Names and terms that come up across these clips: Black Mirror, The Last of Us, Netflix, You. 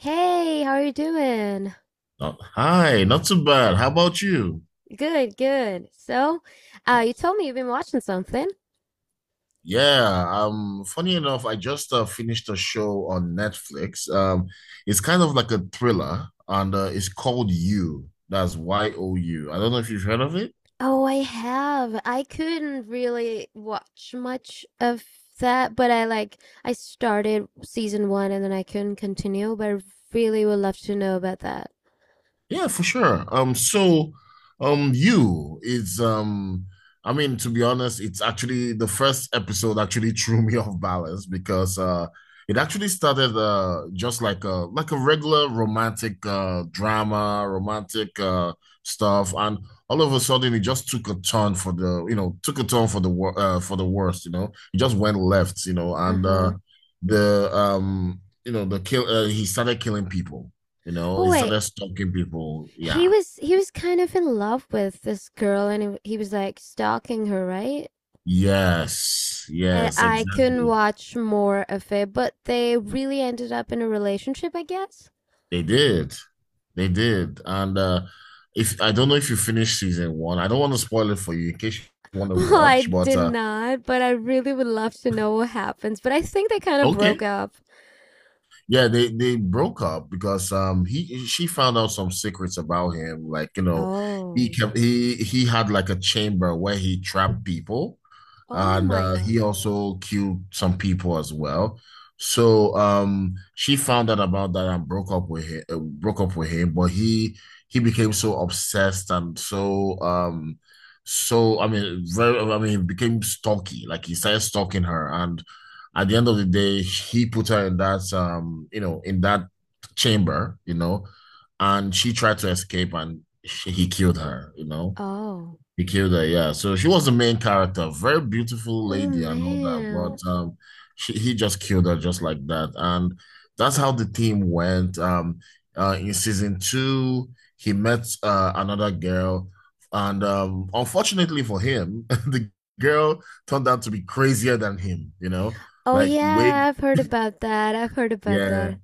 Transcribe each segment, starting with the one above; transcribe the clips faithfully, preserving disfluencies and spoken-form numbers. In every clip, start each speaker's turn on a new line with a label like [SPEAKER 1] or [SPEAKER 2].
[SPEAKER 1] Hey, how are you doing?
[SPEAKER 2] Not, hi, not too bad. How about you?
[SPEAKER 1] Good, good. So, uh, you
[SPEAKER 2] Yes.
[SPEAKER 1] told me you've been watching something.
[SPEAKER 2] Yeah, um, funny enough, I just uh, finished a show on Netflix. Um, it's kind of like a thriller, and uh, it's called You. That's Y O U. I don't know if you've heard of it.
[SPEAKER 1] Oh, I have. I couldn't really watch much of that, but I like I started season one and then I couldn't continue, but I really would love to know about that.
[SPEAKER 2] Yeah, for sure. Um, so, um, you is um, I mean, to be honest, it's actually the first episode actually threw me off balance because uh, it actually started uh just like a like a regular romantic uh drama, romantic uh stuff, and all of a sudden it just took a turn for the you know took a turn for the wor uh, for the worst. You know, it just went left. You know, and uh,
[SPEAKER 1] Uh-huh.
[SPEAKER 2] the um you know the kill uh, he started killing people, you know,
[SPEAKER 1] But
[SPEAKER 2] he
[SPEAKER 1] wait,
[SPEAKER 2] started stalking people.
[SPEAKER 1] he
[SPEAKER 2] Yeah.
[SPEAKER 1] was he was kind of in love with this girl and he, he was like stalking her, right?
[SPEAKER 2] Yes.
[SPEAKER 1] And
[SPEAKER 2] Yes,
[SPEAKER 1] I couldn't
[SPEAKER 2] exactly.
[SPEAKER 1] watch more of it, but they really ended up in a relationship, I guess.
[SPEAKER 2] They did. They did. And uh if I don't know if you finished season one. I don't want to spoil it for you in case you want to
[SPEAKER 1] Well, I
[SPEAKER 2] watch, but
[SPEAKER 1] did
[SPEAKER 2] uh
[SPEAKER 1] not, but I really would love to know what happens. But I think they kind of broke
[SPEAKER 2] okay.
[SPEAKER 1] up.
[SPEAKER 2] Yeah, they they broke up because um he she found out some secrets about him. Like, you know, he
[SPEAKER 1] Oh.
[SPEAKER 2] kept he he had like a chamber where he trapped people,
[SPEAKER 1] Oh
[SPEAKER 2] and
[SPEAKER 1] my
[SPEAKER 2] uh
[SPEAKER 1] God.
[SPEAKER 2] he also killed some people as well. So um she found out about that and broke up with him, uh, broke up with him, but he he became so obsessed and so um so I mean very I mean he became stalky. Like he started stalking her, and at the end of the day, he put her in that, um, you know, in that chamber, you know, and she tried to escape and she, he killed her, you know.
[SPEAKER 1] Oh.
[SPEAKER 2] He killed her, yeah. So she was the main character, very beautiful
[SPEAKER 1] Oh
[SPEAKER 2] lady and all that, but
[SPEAKER 1] man.
[SPEAKER 2] um, she he just killed her just like that, and that's how the team went. Um, uh, in season two, he met uh, another girl, and, um, unfortunately for him, the girl turned out to be crazier than him. You know,
[SPEAKER 1] Oh
[SPEAKER 2] like
[SPEAKER 1] yeah,
[SPEAKER 2] way,
[SPEAKER 1] I've heard about that. I've heard about
[SPEAKER 2] yeah,
[SPEAKER 1] that.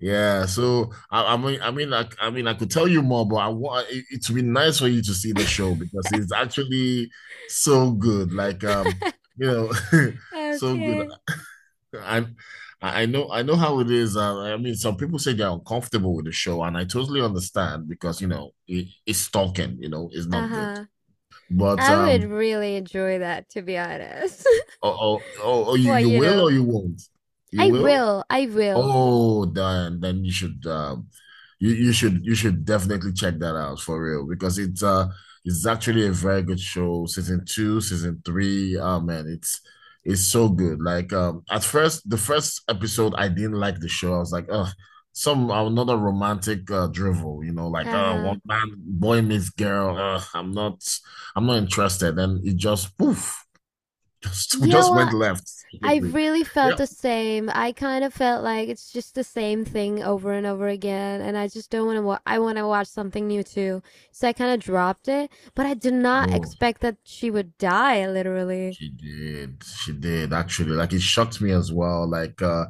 [SPEAKER 2] yeah, so I, I mean, I mean, I, I mean, I could tell you more, but I want it, it would be nice for you to see the show because it's actually so good. Like, um, you know, so good.
[SPEAKER 1] Okay.
[SPEAKER 2] I, I I know, I know how it is. Uh, I mean, some people say they're uncomfortable with the show, and I totally understand because you know it, it's stalking. You know, it's not good.
[SPEAKER 1] Uh-huh.
[SPEAKER 2] But
[SPEAKER 1] I would
[SPEAKER 2] um,
[SPEAKER 1] really enjoy that, to be honest.
[SPEAKER 2] oh, oh, oh, oh, you
[SPEAKER 1] Well,
[SPEAKER 2] you
[SPEAKER 1] you
[SPEAKER 2] will or
[SPEAKER 1] know,
[SPEAKER 2] you won't? You
[SPEAKER 1] I
[SPEAKER 2] will?
[SPEAKER 1] will. I will.
[SPEAKER 2] Oh, then then you should um you you should you should definitely check that out for real because it's uh it's actually a very good show. Season two, season three, oh man, it's it's so good. Like um at first the first episode I didn't like the show. I was like, oh, some another romantic uh, drivel, you know, like oh
[SPEAKER 1] Uh-huh.
[SPEAKER 2] one man boy meets girl. Uh, I'm not I'm not interested. And it just poof, just
[SPEAKER 1] Yeah,
[SPEAKER 2] just went
[SPEAKER 1] well,
[SPEAKER 2] left
[SPEAKER 1] I
[SPEAKER 2] quickly.
[SPEAKER 1] really felt
[SPEAKER 2] Yeah.
[SPEAKER 1] the same. I kind of felt like it's just the same thing over and over again, and I just don't want to. Wa- I want to watch something new too, so I kind of dropped it. But I did not
[SPEAKER 2] Oh.
[SPEAKER 1] expect that she would die, literally.
[SPEAKER 2] She did. She did actually. Like it shocked me as well. Like uh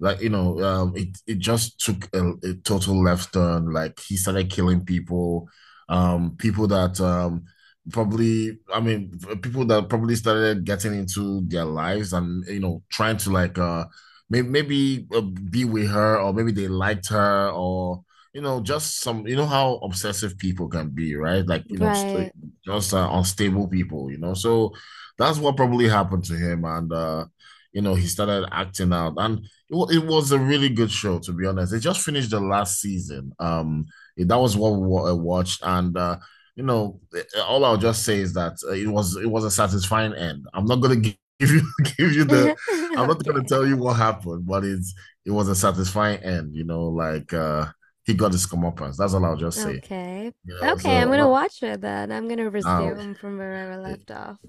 [SPEAKER 2] like you know, um it it just took a, a total left turn. Like he started killing people. Um people that, um probably I mean people that probably started getting into their lives, and you know trying to like uh maybe maybe uh, be with her or maybe they liked her, or you know just some, you know how obsessive people can be, right? Like you know st
[SPEAKER 1] Right?
[SPEAKER 2] Just uh, unstable people, you know. So that's what probably happened to him, and uh, you know he started acting out. And it, it was a really good show, to be honest. They just finished the last season. Um, it- that was what I watched, and uh, you know, eh, all I'll just say is that uh, it was it was a satisfying end. I'm not gonna give you give you the, I'm not gonna
[SPEAKER 1] Okay.
[SPEAKER 2] tell you what happened, but it's it was a satisfying end. You know, like uh, he got his comeuppance. That's all I'll just say.
[SPEAKER 1] Okay.
[SPEAKER 2] You know,
[SPEAKER 1] Okay, I'm
[SPEAKER 2] so
[SPEAKER 1] gonna
[SPEAKER 2] uh,
[SPEAKER 1] watch her then. I'm gonna
[SPEAKER 2] Now
[SPEAKER 1] resume from where I
[SPEAKER 2] you
[SPEAKER 1] left off.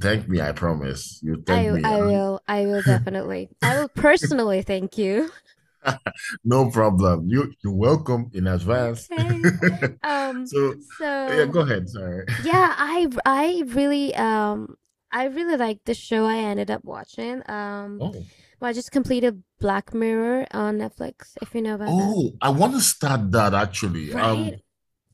[SPEAKER 2] thank me, I promise. You thank
[SPEAKER 1] I
[SPEAKER 2] me.
[SPEAKER 1] I will. I will definitely. I will personally thank you.
[SPEAKER 2] No problem. You you're welcome in advance.
[SPEAKER 1] Okay. Um.
[SPEAKER 2] So yeah,
[SPEAKER 1] So,
[SPEAKER 2] go ahead. Sorry.
[SPEAKER 1] yeah, I I really um I really like the show I ended up watching. Um,
[SPEAKER 2] Oh.
[SPEAKER 1] well, I just completed Black Mirror on Netflix, if you know about that.
[SPEAKER 2] Oh, I want to start that actually. Um,
[SPEAKER 1] Right?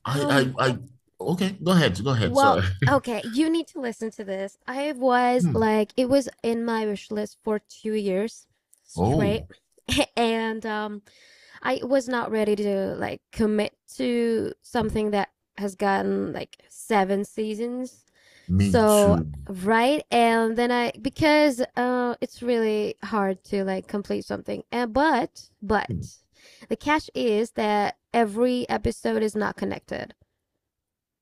[SPEAKER 2] I
[SPEAKER 1] Um,
[SPEAKER 2] I I Okay, go ahead, go ahead.
[SPEAKER 1] well,
[SPEAKER 2] Sorry.
[SPEAKER 1] okay, you need to listen to this. I was
[SPEAKER 2] Hmm.
[SPEAKER 1] like, it was in my wish list for two years straight,
[SPEAKER 2] Oh,
[SPEAKER 1] and um, I was not ready to like commit to something that has gotten like seven seasons.
[SPEAKER 2] me
[SPEAKER 1] So
[SPEAKER 2] too.
[SPEAKER 1] right, and then I because uh it's really hard to like complete something, and but but
[SPEAKER 2] Hmm.
[SPEAKER 1] the catch is that every episode is not connected,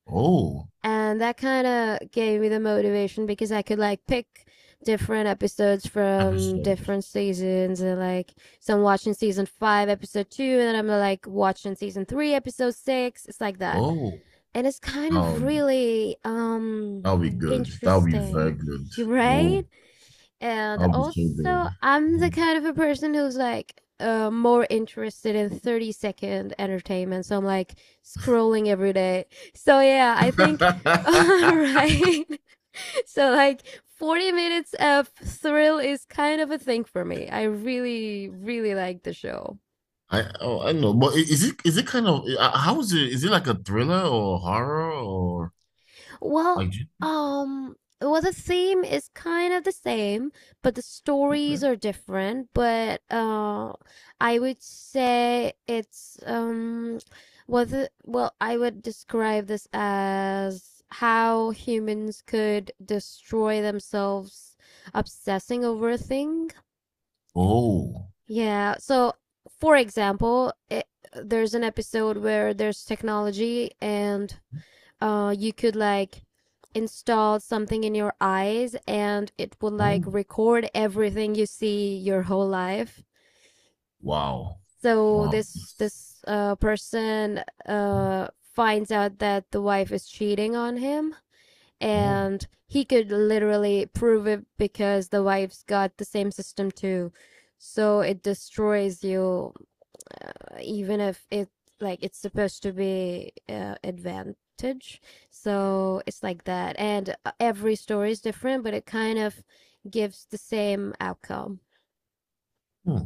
[SPEAKER 2] Oh,
[SPEAKER 1] and that kind of gave me the motivation because I could like pick different episodes from
[SPEAKER 2] episode.
[SPEAKER 1] different seasons, and like so I'm watching season five episode two and then I'm like watching season three episode six. It's like that,
[SPEAKER 2] Oh,
[SPEAKER 1] and it's kind of
[SPEAKER 2] um,
[SPEAKER 1] really um
[SPEAKER 2] that'll be good. That'll be
[SPEAKER 1] interesting.
[SPEAKER 2] very good.
[SPEAKER 1] Right.
[SPEAKER 2] Oh,
[SPEAKER 1] And
[SPEAKER 2] I'll be so good.
[SPEAKER 1] also, I'm the kind of a person who's like uh, more interested in thirty second entertainment. So I'm like scrolling every day. So yeah, I think, all right. So like forty minutes of thrill is kind of a thing for me. I really, really like the show.
[SPEAKER 2] I oh, I don't know, but i- is it is it kind of uh, how is it? Is it like a thriller or horror or like?
[SPEAKER 1] Well,
[SPEAKER 2] Do you?
[SPEAKER 1] um, well, the theme is kind of the same, but the
[SPEAKER 2] Okay.
[SPEAKER 1] stories are different. But uh, I would say it's um, was it, well, I would describe this as how humans could destroy themselves obsessing over a thing.
[SPEAKER 2] Oh,
[SPEAKER 1] Yeah. So, for example, it, there's an episode where there's technology and uh you could like install something in your eyes and it would like
[SPEAKER 2] oh,
[SPEAKER 1] record everything you see your whole life.
[SPEAKER 2] wow,
[SPEAKER 1] So
[SPEAKER 2] wow,
[SPEAKER 1] this this uh person uh finds out that the wife is cheating on him
[SPEAKER 2] oh,
[SPEAKER 1] and he could literally prove it because the wife's got the same system too. So it destroys you, uh, even if it like it's supposed to be uh, advantage. So it's like that, and uh, every story is different but it kind of gives the same outcome.
[SPEAKER 2] hmm.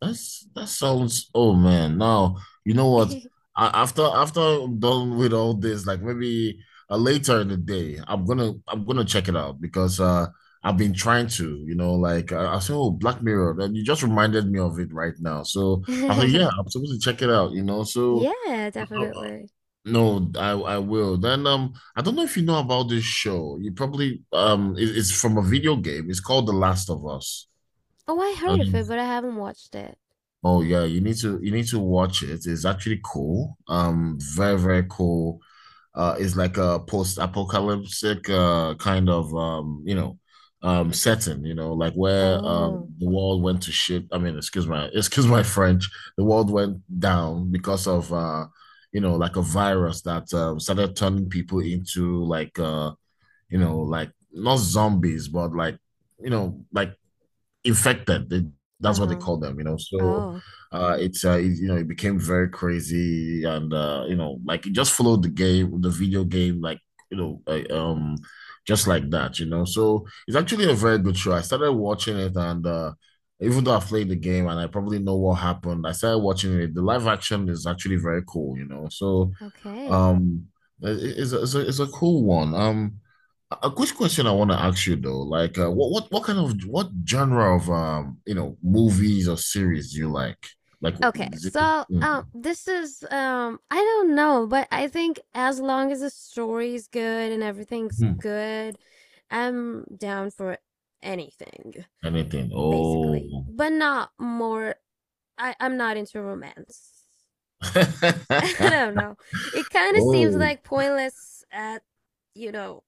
[SPEAKER 2] That's that sounds, oh man. Now you know what? I, after after I'm done with all this, like maybe uh, later in the day, I'm gonna I'm gonna check it out because uh I've been trying to, you know, like I, I said, oh Black Mirror, and you just reminded me of it right now. So I said,
[SPEAKER 1] Yeah,
[SPEAKER 2] yeah, I'm supposed to check it out, you know. So uh, uh,
[SPEAKER 1] definitely.
[SPEAKER 2] no, I I will. Then um, I don't know if you know about this show. You probably, um, it, it's from a video game. It's called The Last of Us.
[SPEAKER 1] Oh, I heard of it but I haven't watched it.
[SPEAKER 2] Oh yeah, you need to you need to watch it. It's actually cool. Um, very, very cool. Uh, it's like a post-apocalyptic uh kind of, um, you know, um setting, you know, like where um
[SPEAKER 1] Oh.
[SPEAKER 2] the world went to shit. I mean, excuse my excuse my French. The world went down because of, uh, you know, like a virus that um started turning people into like, uh, you know, like not zombies, but like, you know, like infected. They, that's what they
[SPEAKER 1] Uh-huh.
[SPEAKER 2] call them, you know. So
[SPEAKER 1] Oh.
[SPEAKER 2] uh, it's uh, it, you know it became very crazy, and uh, you know like it just followed the game, the video game, like, you know uh, um just like that, you know. So it's actually a very good show. I started watching it, and uh, even though I played the game and I probably know what happened, I started watching it. The live action is actually very cool, you know. So
[SPEAKER 1] Okay.
[SPEAKER 2] um, it- it's a, it's a, it's a cool one. Um, a quick question I want to ask you though, like uh, what what what kind of what genre of um you know movies or series do you like? Like
[SPEAKER 1] Okay,
[SPEAKER 2] is it,
[SPEAKER 1] so
[SPEAKER 2] mm,
[SPEAKER 1] um, this is um, I don't know, but I think as long as the story's good and everything's
[SPEAKER 2] hmm,
[SPEAKER 1] good, I'm down for anything
[SPEAKER 2] anything?
[SPEAKER 1] basically,
[SPEAKER 2] Oh,
[SPEAKER 1] but not more. I I'm not into romance. I don't know. It kind of seems
[SPEAKER 2] oh,
[SPEAKER 1] like pointless at, you know,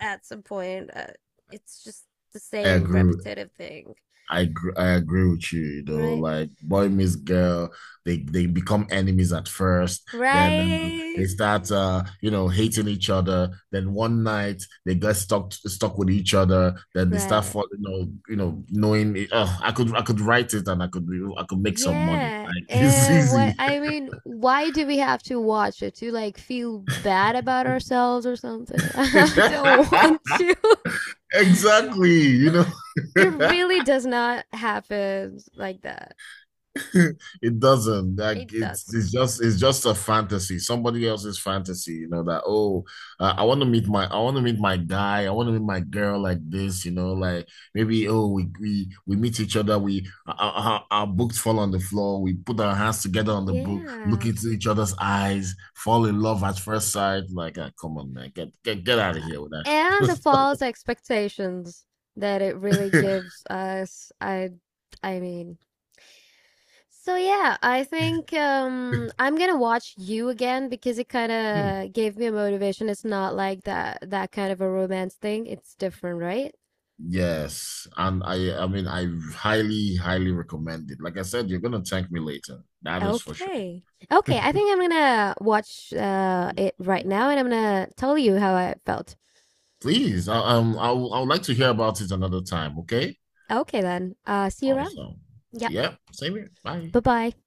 [SPEAKER 1] at some point. Uh, it's just the
[SPEAKER 2] I
[SPEAKER 1] same
[SPEAKER 2] agree.
[SPEAKER 1] repetitive thing,
[SPEAKER 2] I gr- I agree with you, you know,
[SPEAKER 1] right?
[SPEAKER 2] like boy meets girl, they they become enemies at first, then uh, they
[SPEAKER 1] Right.
[SPEAKER 2] start uh, you know, hating each other. Then one night they get stuck stuck with each other, then they start
[SPEAKER 1] Right.
[SPEAKER 2] falling, you know, you know, knowing it- oh, I could I could write it and I could be- I could make some money.
[SPEAKER 1] Yeah.
[SPEAKER 2] Like it's
[SPEAKER 1] Uh, what
[SPEAKER 2] easy.
[SPEAKER 1] I mean, why do we have to watch it to like feel bad about ourselves or something? I don't want to.
[SPEAKER 2] Exactly, you know.
[SPEAKER 1] It really does not happen like that.
[SPEAKER 2] It doesn't. Like
[SPEAKER 1] It
[SPEAKER 2] it's
[SPEAKER 1] doesn't.
[SPEAKER 2] it's just it's just a fantasy, somebody else's fantasy, you know, that oh, uh, I want to meet my I want to meet my guy, I want to meet my girl like this, you know, like maybe oh we we we meet each other, we our, our, our books fall on the floor, we put our hands together on the book, look
[SPEAKER 1] Yeah.
[SPEAKER 2] into each other's eyes, fall in love at first sight. Like, ah, come on, man, get get get out of here with
[SPEAKER 1] And the
[SPEAKER 2] that.
[SPEAKER 1] false expectations that it really gives us. I I mean, So yeah, I think um I'm gonna watch you again because it kind
[SPEAKER 2] Hmm.
[SPEAKER 1] of gave me a motivation. It's not like that that kind of a romance thing. It's different, right?
[SPEAKER 2] Yes, and I I mean I highly, highly recommend it. Like I said, you're gonna thank me later. That is for sure.
[SPEAKER 1] Okay. Okay, I think I'm gonna watch uh it right
[SPEAKER 2] Yeah.
[SPEAKER 1] now and I'm gonna tell you how I felt.
[SPEAKER 2] Please, I, um, I would I would like to hear about it another time, okay?
[SPEAKER 1] Okay then. Uh, see you around.
[SPEAKER 2] Awesome.
[SPEAKER 1] Yep.
[SPEAKER 2] Yeah, same here. Bye.
[SPEAKER 1] Bye-bye.